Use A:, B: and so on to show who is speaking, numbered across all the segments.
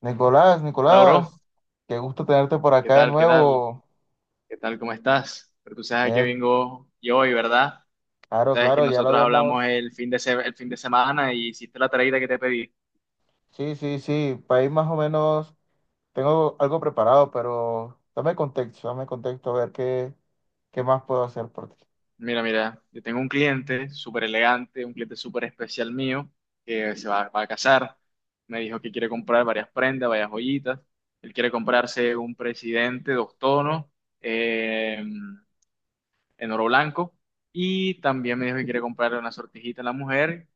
A: Nicolás,
B: Hola, bro.
A: Nicolás, qué gusto tenerte por
B: ¿Qué
A: acá de
B: tal? ¿Qué tal?
A: nuevo.
B: ¿Qué tal? ¿Cómo estás? Pero tú sabes que
A: Bien,
B: vengo yo hoy, ¿verdad?
A: claro,
B: Sabes que
A: claro, ya lo
B: nosotros hablamos
A: habíamos.
B: el fin de semana y hiciste la tareita que te pedí.
A: Sí, sí, sí, país más o menos. Tengo algo preparado, pero dame contexto, a ver qué más puedo hacer por ti.
B: Mira, mira, yo tengo un cliente súper elegante, un cliente súper especial mío, que se va a casar. Me dijo que quiere comprar varias prendas, varias joyitas. Él quiere comprarse un presidente, dos tonos, eh, en oro blanco. Y también me dijo que quiere comprar una sortijita a la mujer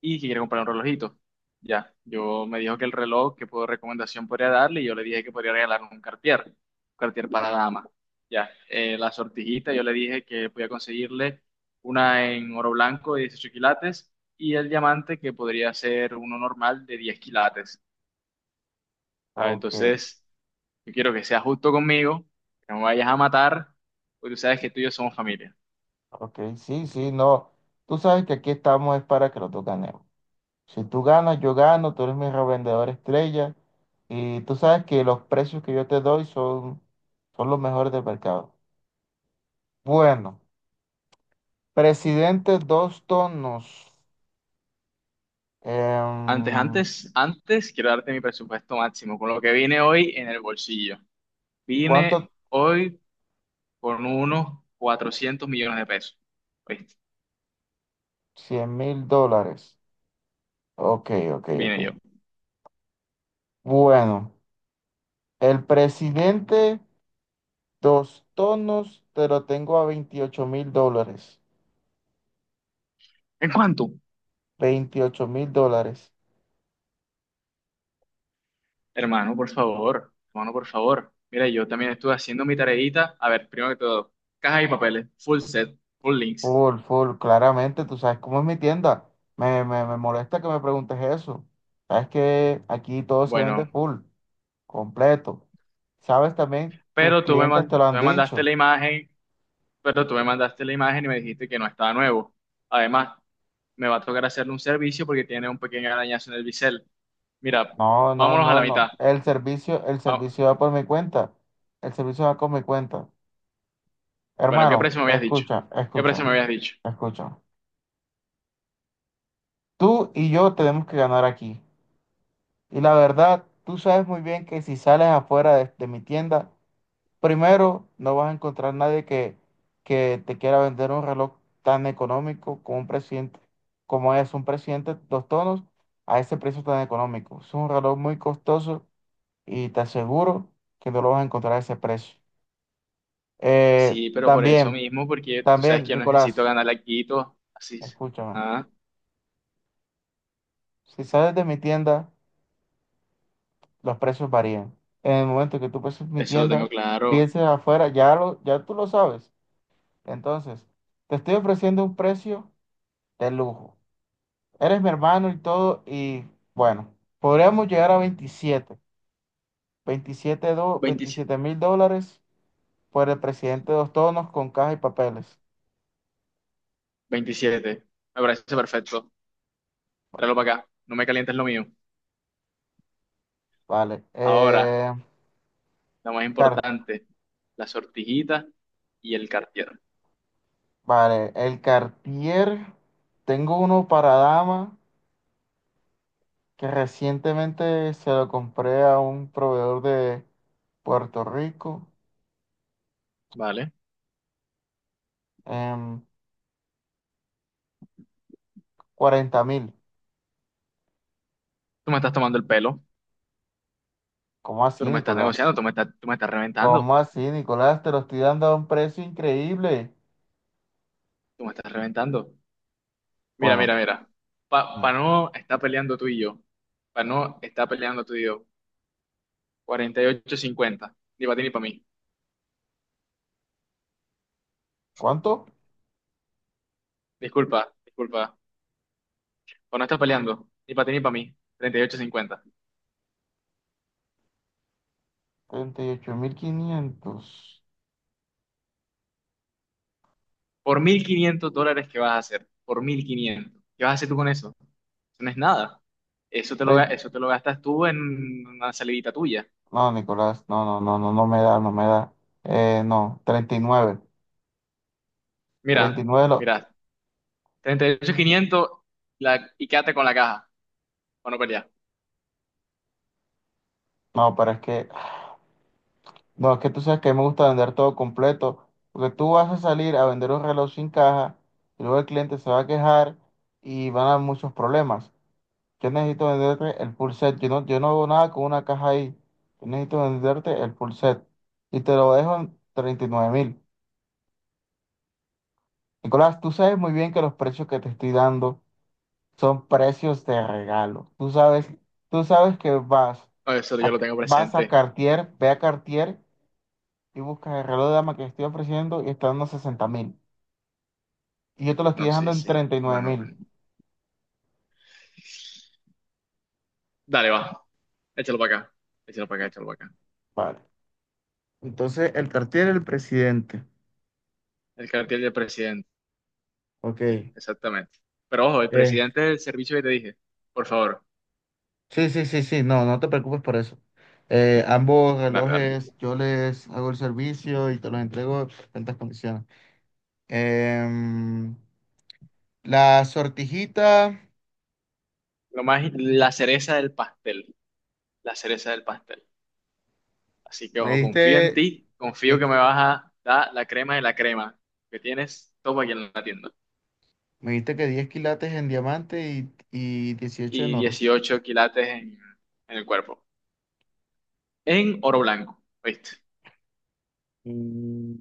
B: y que quiere comprar un relojito. Ya, yo me dijo que el reloj, que puedo recomendación podría darle, y yo le dije que podría regalarle un Cartier para dama. Ya, la sortijita, yo le dije que podía conseguirle una en oro blanco de 18 quilates y el diamante que podría ser uno normal de 10 quilates. A ver,
A: Ok,
B: entonces, yo quiero que seas justo conmigo, que no me vayas a matar, porque tú sabes que tú y yo somos familia.
A: ok, sí, sí, no. Tú sabes que aquí estamos es para que los dos ganemos. Si tú ganas, yo gano, tú eres mi revendedor estrella y tú sabes que los precios que yo te doy son los mejores del mercado. Bueno. Presidente, dos tonos.
B: Antes,
A: Em,
B: antes, antes quiero darte mi presupuesto máximo, con lo que vine hoy en el bolsillo. Vine
A: ¿Cuánto?
B: hoy con unos 400 millones de pesos. ¿Viste?
A: $100.000. Ok, ok,
B: Vine yo.
A: ok. Bueno, el presidente, dos tonos, te lo tengo a $28.000.
B: ¿En cuánto?
A: $28.000.
B: Hermano, por favor. Hermano, por favor. Mira, yo también estuve haciendo mi tareita. A ver, primero que todo, caja y papeles, full set, full links.
A: Full, full, claramente, tú sabes cómo es mi tienda. Me molesta que me preguntes eso. Sabes que aquí todo se vende
B: Bueno,
A: full, completo. Sabes también, tus clientes te lo
B: tú
A: han
B: me mandaste la
A: dicho.
B: imagen, pero tú me mandaste la imagen y me dijiste que no estaba nuevo. Además, me va a tocar hacerle un servicio porque tiene un pequeño arañazo en el bisel. Mira,
A: No, no,
B: vámonos a
A: no,
B: la
A: no.
B: mitad.
A: El
B: Va-
A: servicio va por mi cuenta. El servicio va con mi cuenta.
B: Bueno, ¿qué
A: Hermano,
B: precio me habías dicho?
A: escucha,
B: ¿Qué precio me
A: escucha,
B: habías dicho?
A: escucha. Tú y yo tenemos que ganar aquí. Y la verdad, tú sabes muy bien que si sales afuera de mi tienda, primero no vas a encontrar nadie que te quiera vender un reloj tan económico como un presidente, como es un presidente dos tonos a ese precio tan económico. Es un reloj muy costoso y te aseguro que no lo vas a encontrar a ese precio.
B: Sí, pero por eso
A: También,
B: mismo, porque tú sabes que yo necesito
A: Nicolás,
B: ganar la Quito. Así es.
A: escúchame.
B: Ah,
A: Si sales de mi tienda, los precios varían. En el momento que tú pases mi
B: eso lo tengo
A: tienda,
B: claro.
A: pienses afuera, ya tú lo sabes. Entonces, te estoy ofreciendo un precio de lujo. Eres mi hermano y todo, y bueno, podríamos llegar a veintisiete veintisiete do-
B: 27.
A: veintisiete mil dólares por el presidente de dos tonos con caja y papeles.
B: 27. Me parece perfecto.
A: Bueno.
B: Tráelo para acá. No me calientes lo mío.
A: Vale.
B: Ahora, lo más importante, la sortijita y el Cartier.
A: Vale, el Cartier, tengo uno para dama que recientemente se lo compré a un proveedor de Puerto Rico
B: ¿Vale?
A: en 40.000.
B: Tú me estás tomando el pelo.
A: ¿Cómo
B: Tú
A: así,
B: no me estás
A: Nicolás?
B: negociando. Tú me estás reventando.
A: ¿Cómo así, Nicolás? Te lo estoy dando a un precio increíble.
B: Tú me estás reventando. Mira, mira,
A: Bueno.
B: mira. Pa
A: mm,
B: Pano está peleando tú y yo. Pano está peleando tú y yo. 48.50. Ni para ti ni para mí.
A: ¿Cuánto?
B: Disculpa, disculpa. Pano está peleando. Ni para ti ni para mí. 38.50.
A: 38.500.
B: Por 1.500 dólares, ¿qué vas a hacer? Por 1.500, ¿qué vas a hacer tú con eso? Eso no es nada. Eso te lo, ga-
A: Trein-
B: eso te lo gastas tú en una salidita tuya.
A: No, Nicolás, no, no, no, no, no me da, no me da. No,
B: Mira,
A: 39. 39,
B: mira. 38.500, y quédate con la caja. Para no pelear.
A: no, pero es que bueno, es que tú sabes que a mí me gusta vender todo completo, porque tú vas a salir a vender un reloj sin caja y luego el cliente se va a quejar y van a haber muchos problemas. Yo necesito venderte el full set, yo no hago nada con una caja ahí, yo necesito venderte el full set y te lo dejo en 39.000. Nicolás, tú sabes muy bien que los precios que te estoy dando son precios de regalo. Tú sabes que
B: Oh, eso yo lo tengo
A: vas a
B: presente.
A: Cartier, ve a Cartier y buscas el reloj de dama que estoy ofreciendo y está dando 60.000. Y yo te lo estoy
B: No,
A: dejando
B: sí,
A: en
B: sí.
A: treinta y nueve
B: Bueno,
A: mil.
B: dale, va. Échalo para acá. Échalo para acá, échalo para acá.
A: Vale. Entonces, el cartel el presidente.
B: El cartel del presidente,
A: Ok.
B: exactamente. Pero ojo, el presidente del servicio que te dije. Por favor,
A: Sí, sí, sí, sí. No, no te preocupes por eso. Ambos
B: dale, dale.
A: relojes yo les hago el servicio y te los entrego en perfectas condiciones. Em, la sortijita,
B: Lo más, la cereza del pastel. La cereza del pastel. Así que
A: me
B: ojo, confío en
A: diste
B: ti. Confío
A: 10
B: que
A: qui-
B: me vas a dar la crema de la crema que tienes. Toma aquí en la tienda.
A: me diste que 10 quilates en diamante y 18 en
B: Y
A: oro.
B: 18 quilates en el cuerpo. En oro blanco. ¿Viste?
A: Mm,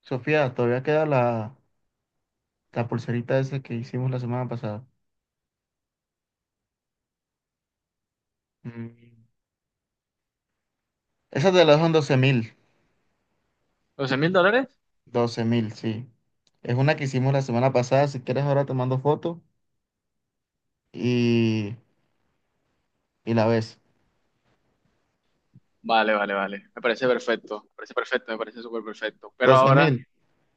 A: Sofía, todavía queda la pulserita esa que hicimos la semana pasada. Mm. Esa te la dejo en 12 mil.
B: ¿Doce mil dólares?
A: 12.000, sí. Es una que hicimos la semana pasada. Si quieres, ahora te mando foto y, y la ves.
B: Vale, vale, vale. Me parece perfecto. Me parece perfecto, me parece súper perfecto. Pero
A: doce
B: ahora.
A: mil.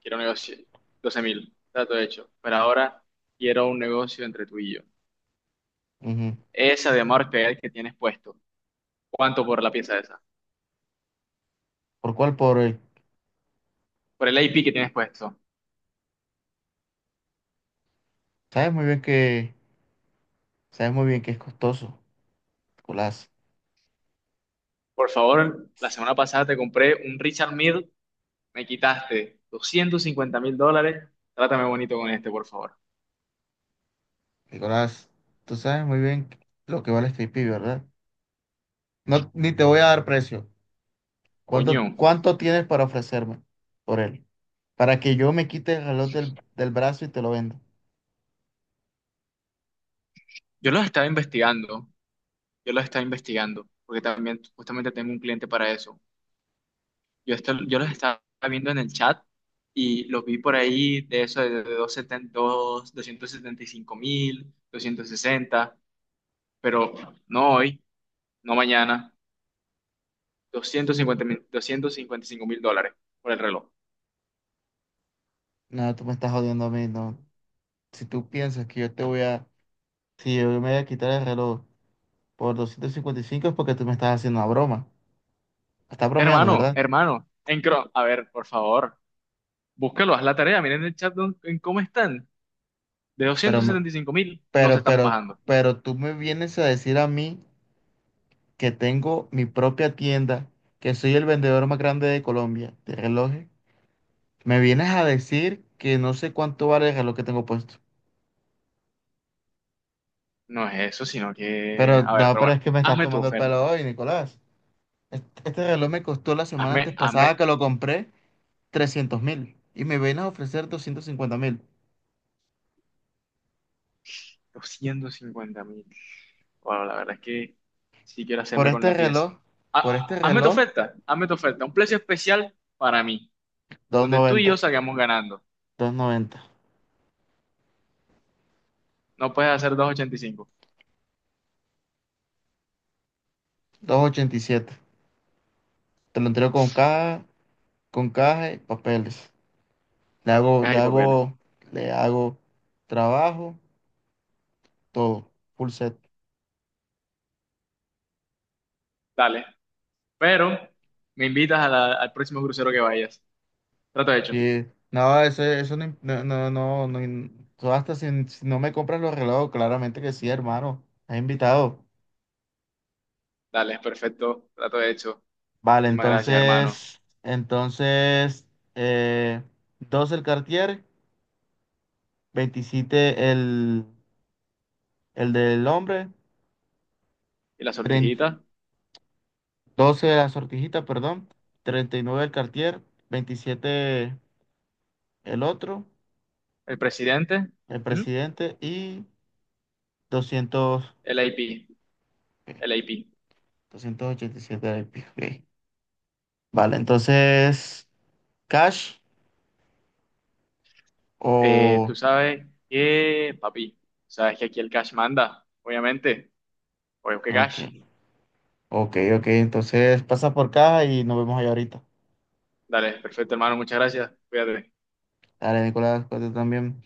B: Quiero un negocio, 12 mil, trato hecho. Pero ahora quiero un negocio entre tú y yo.
A: Ujú.
B: Esa de amor que tienes puesto. ¿Cuánto por la pieza esa?
A: ¿Por cuál? Por el.
B: Por el AP que tienes puesto.
A: Sabes muy bien que, sabes muy bien que es costoso, Nicolás.
B: Por favor, la semana pasada te compré un Richard Mille, me quitaste 250.000 dólares. Trátame bonito con este, por favor.
A: Nicolás, tú sabes muy bien lo que vale este IP, ¿verdad? No, ni te voy a dar precio.
B: Coño,
A: ¿Cuánto tienes para ofrecerme por él? Para que yo me quite el reloj del brazo y te lo venda.
B: yo los estaba investigando, yo los estaba investigando, porque también justamente tengo un cliente para eso. Yo, esto, yo los estaba viendo en el chat y los vi por ahí de eso de 275.000, 260, pero no hoy, no mañana, 250.000, 255.000 dólares por el reloj.
A: No, tú me estás jodiendo a mí, no. Si tú piensas que yo te voy a... Si yo me voy a quitar el reloj por 255 es porque tú me estás haciendo una broma. Estás bromeando,
B: Hermano,
A: ¿verdad?
B: hermano, en Chrome, a ver, por favor, búscalo, haz la tarea, miren el chat en cómo están. De
A: Pero,
B: doscientos
A: me-
B: setenta y cinco mil no se
A: pero,
B: están
A: pero,
B: bajando.
A: pero tú me vienes a decir a mí que tengo mi propia tienda, que soy el vendedor más grande de Colombia de relojes. Me vienes a decir que no sé cuánto vale el reloj que tengo puesto.
B: No es eso, sino que,
A: Pero
B: a ver,
A: no,
B: pero
A: pero es
B: bueno,
A: que me estás
B: hazme tu
A: tomando el pelo
B: oferta,
A: hoy, Nicolás. Este reloj me costó la semana
B: hazme,
A: antes pasada
B: hazme
A: que lo compré. 300.000 y me vienen a ofrecer 250.000.
B: 250.000. Bueno, la verdad es que sí quiero
A: Por
B: hacerme con la
A: este
B: pieza.
A: reloj, por
B: Ah,
A: este
B: hazme tu
A: reloj,
B: oferta, hazme tu oferta. Un precio especial para mí,
A: doscientos
B: donde tú y yo
A: noventa
B: salgamos ganando.
A: 290,
B: No puedes hacer 2.85.
A: 287. Te lo entrego con caja y papeles. Le hago,
B: Caja
A: le
B: y papeles.
A: hago, le hago trabajo, todo, full set.
B: Dale. Pero me invitas a al próximo crucero que vayas. Trato hecho.
A: Y no, eso no, no, no, no, no tú hasta si no me compras los relojes, claramente que sí, hermano. Has invitado.
B: Dale, perfecto. Trato hecho.
A: Vale,
B: Muchísimas gracias, hermano.
A: entonces, entonces, eh, 12 el Cartier, 27 el del hombre,
B: ¿Y la
A: 30
B: sortijita?
A: 12 la sortijita, perdón, 39 el Cartier, 27 el otro,
B: ¿El presidente?
A: el
B: ¿Mm?
A: presidente y 200
B: El IP.
A: ok,
B: El IP.
A: 287 el IP, ok. Vale, entonces, cash
B: Eh,
A: o...
B: tú sabes que, papi, sabes que aquí el cash manda, obviamente. Oye, ¿qué
A: Ok,
B: cash?
A: ok, ok, entonces pasa por caja y nos vemos ahí ahorita.
B: Dale, perfecto, hermano, muchas gracias. Cuídate.
A: Dale, Nicolás, cuídate también.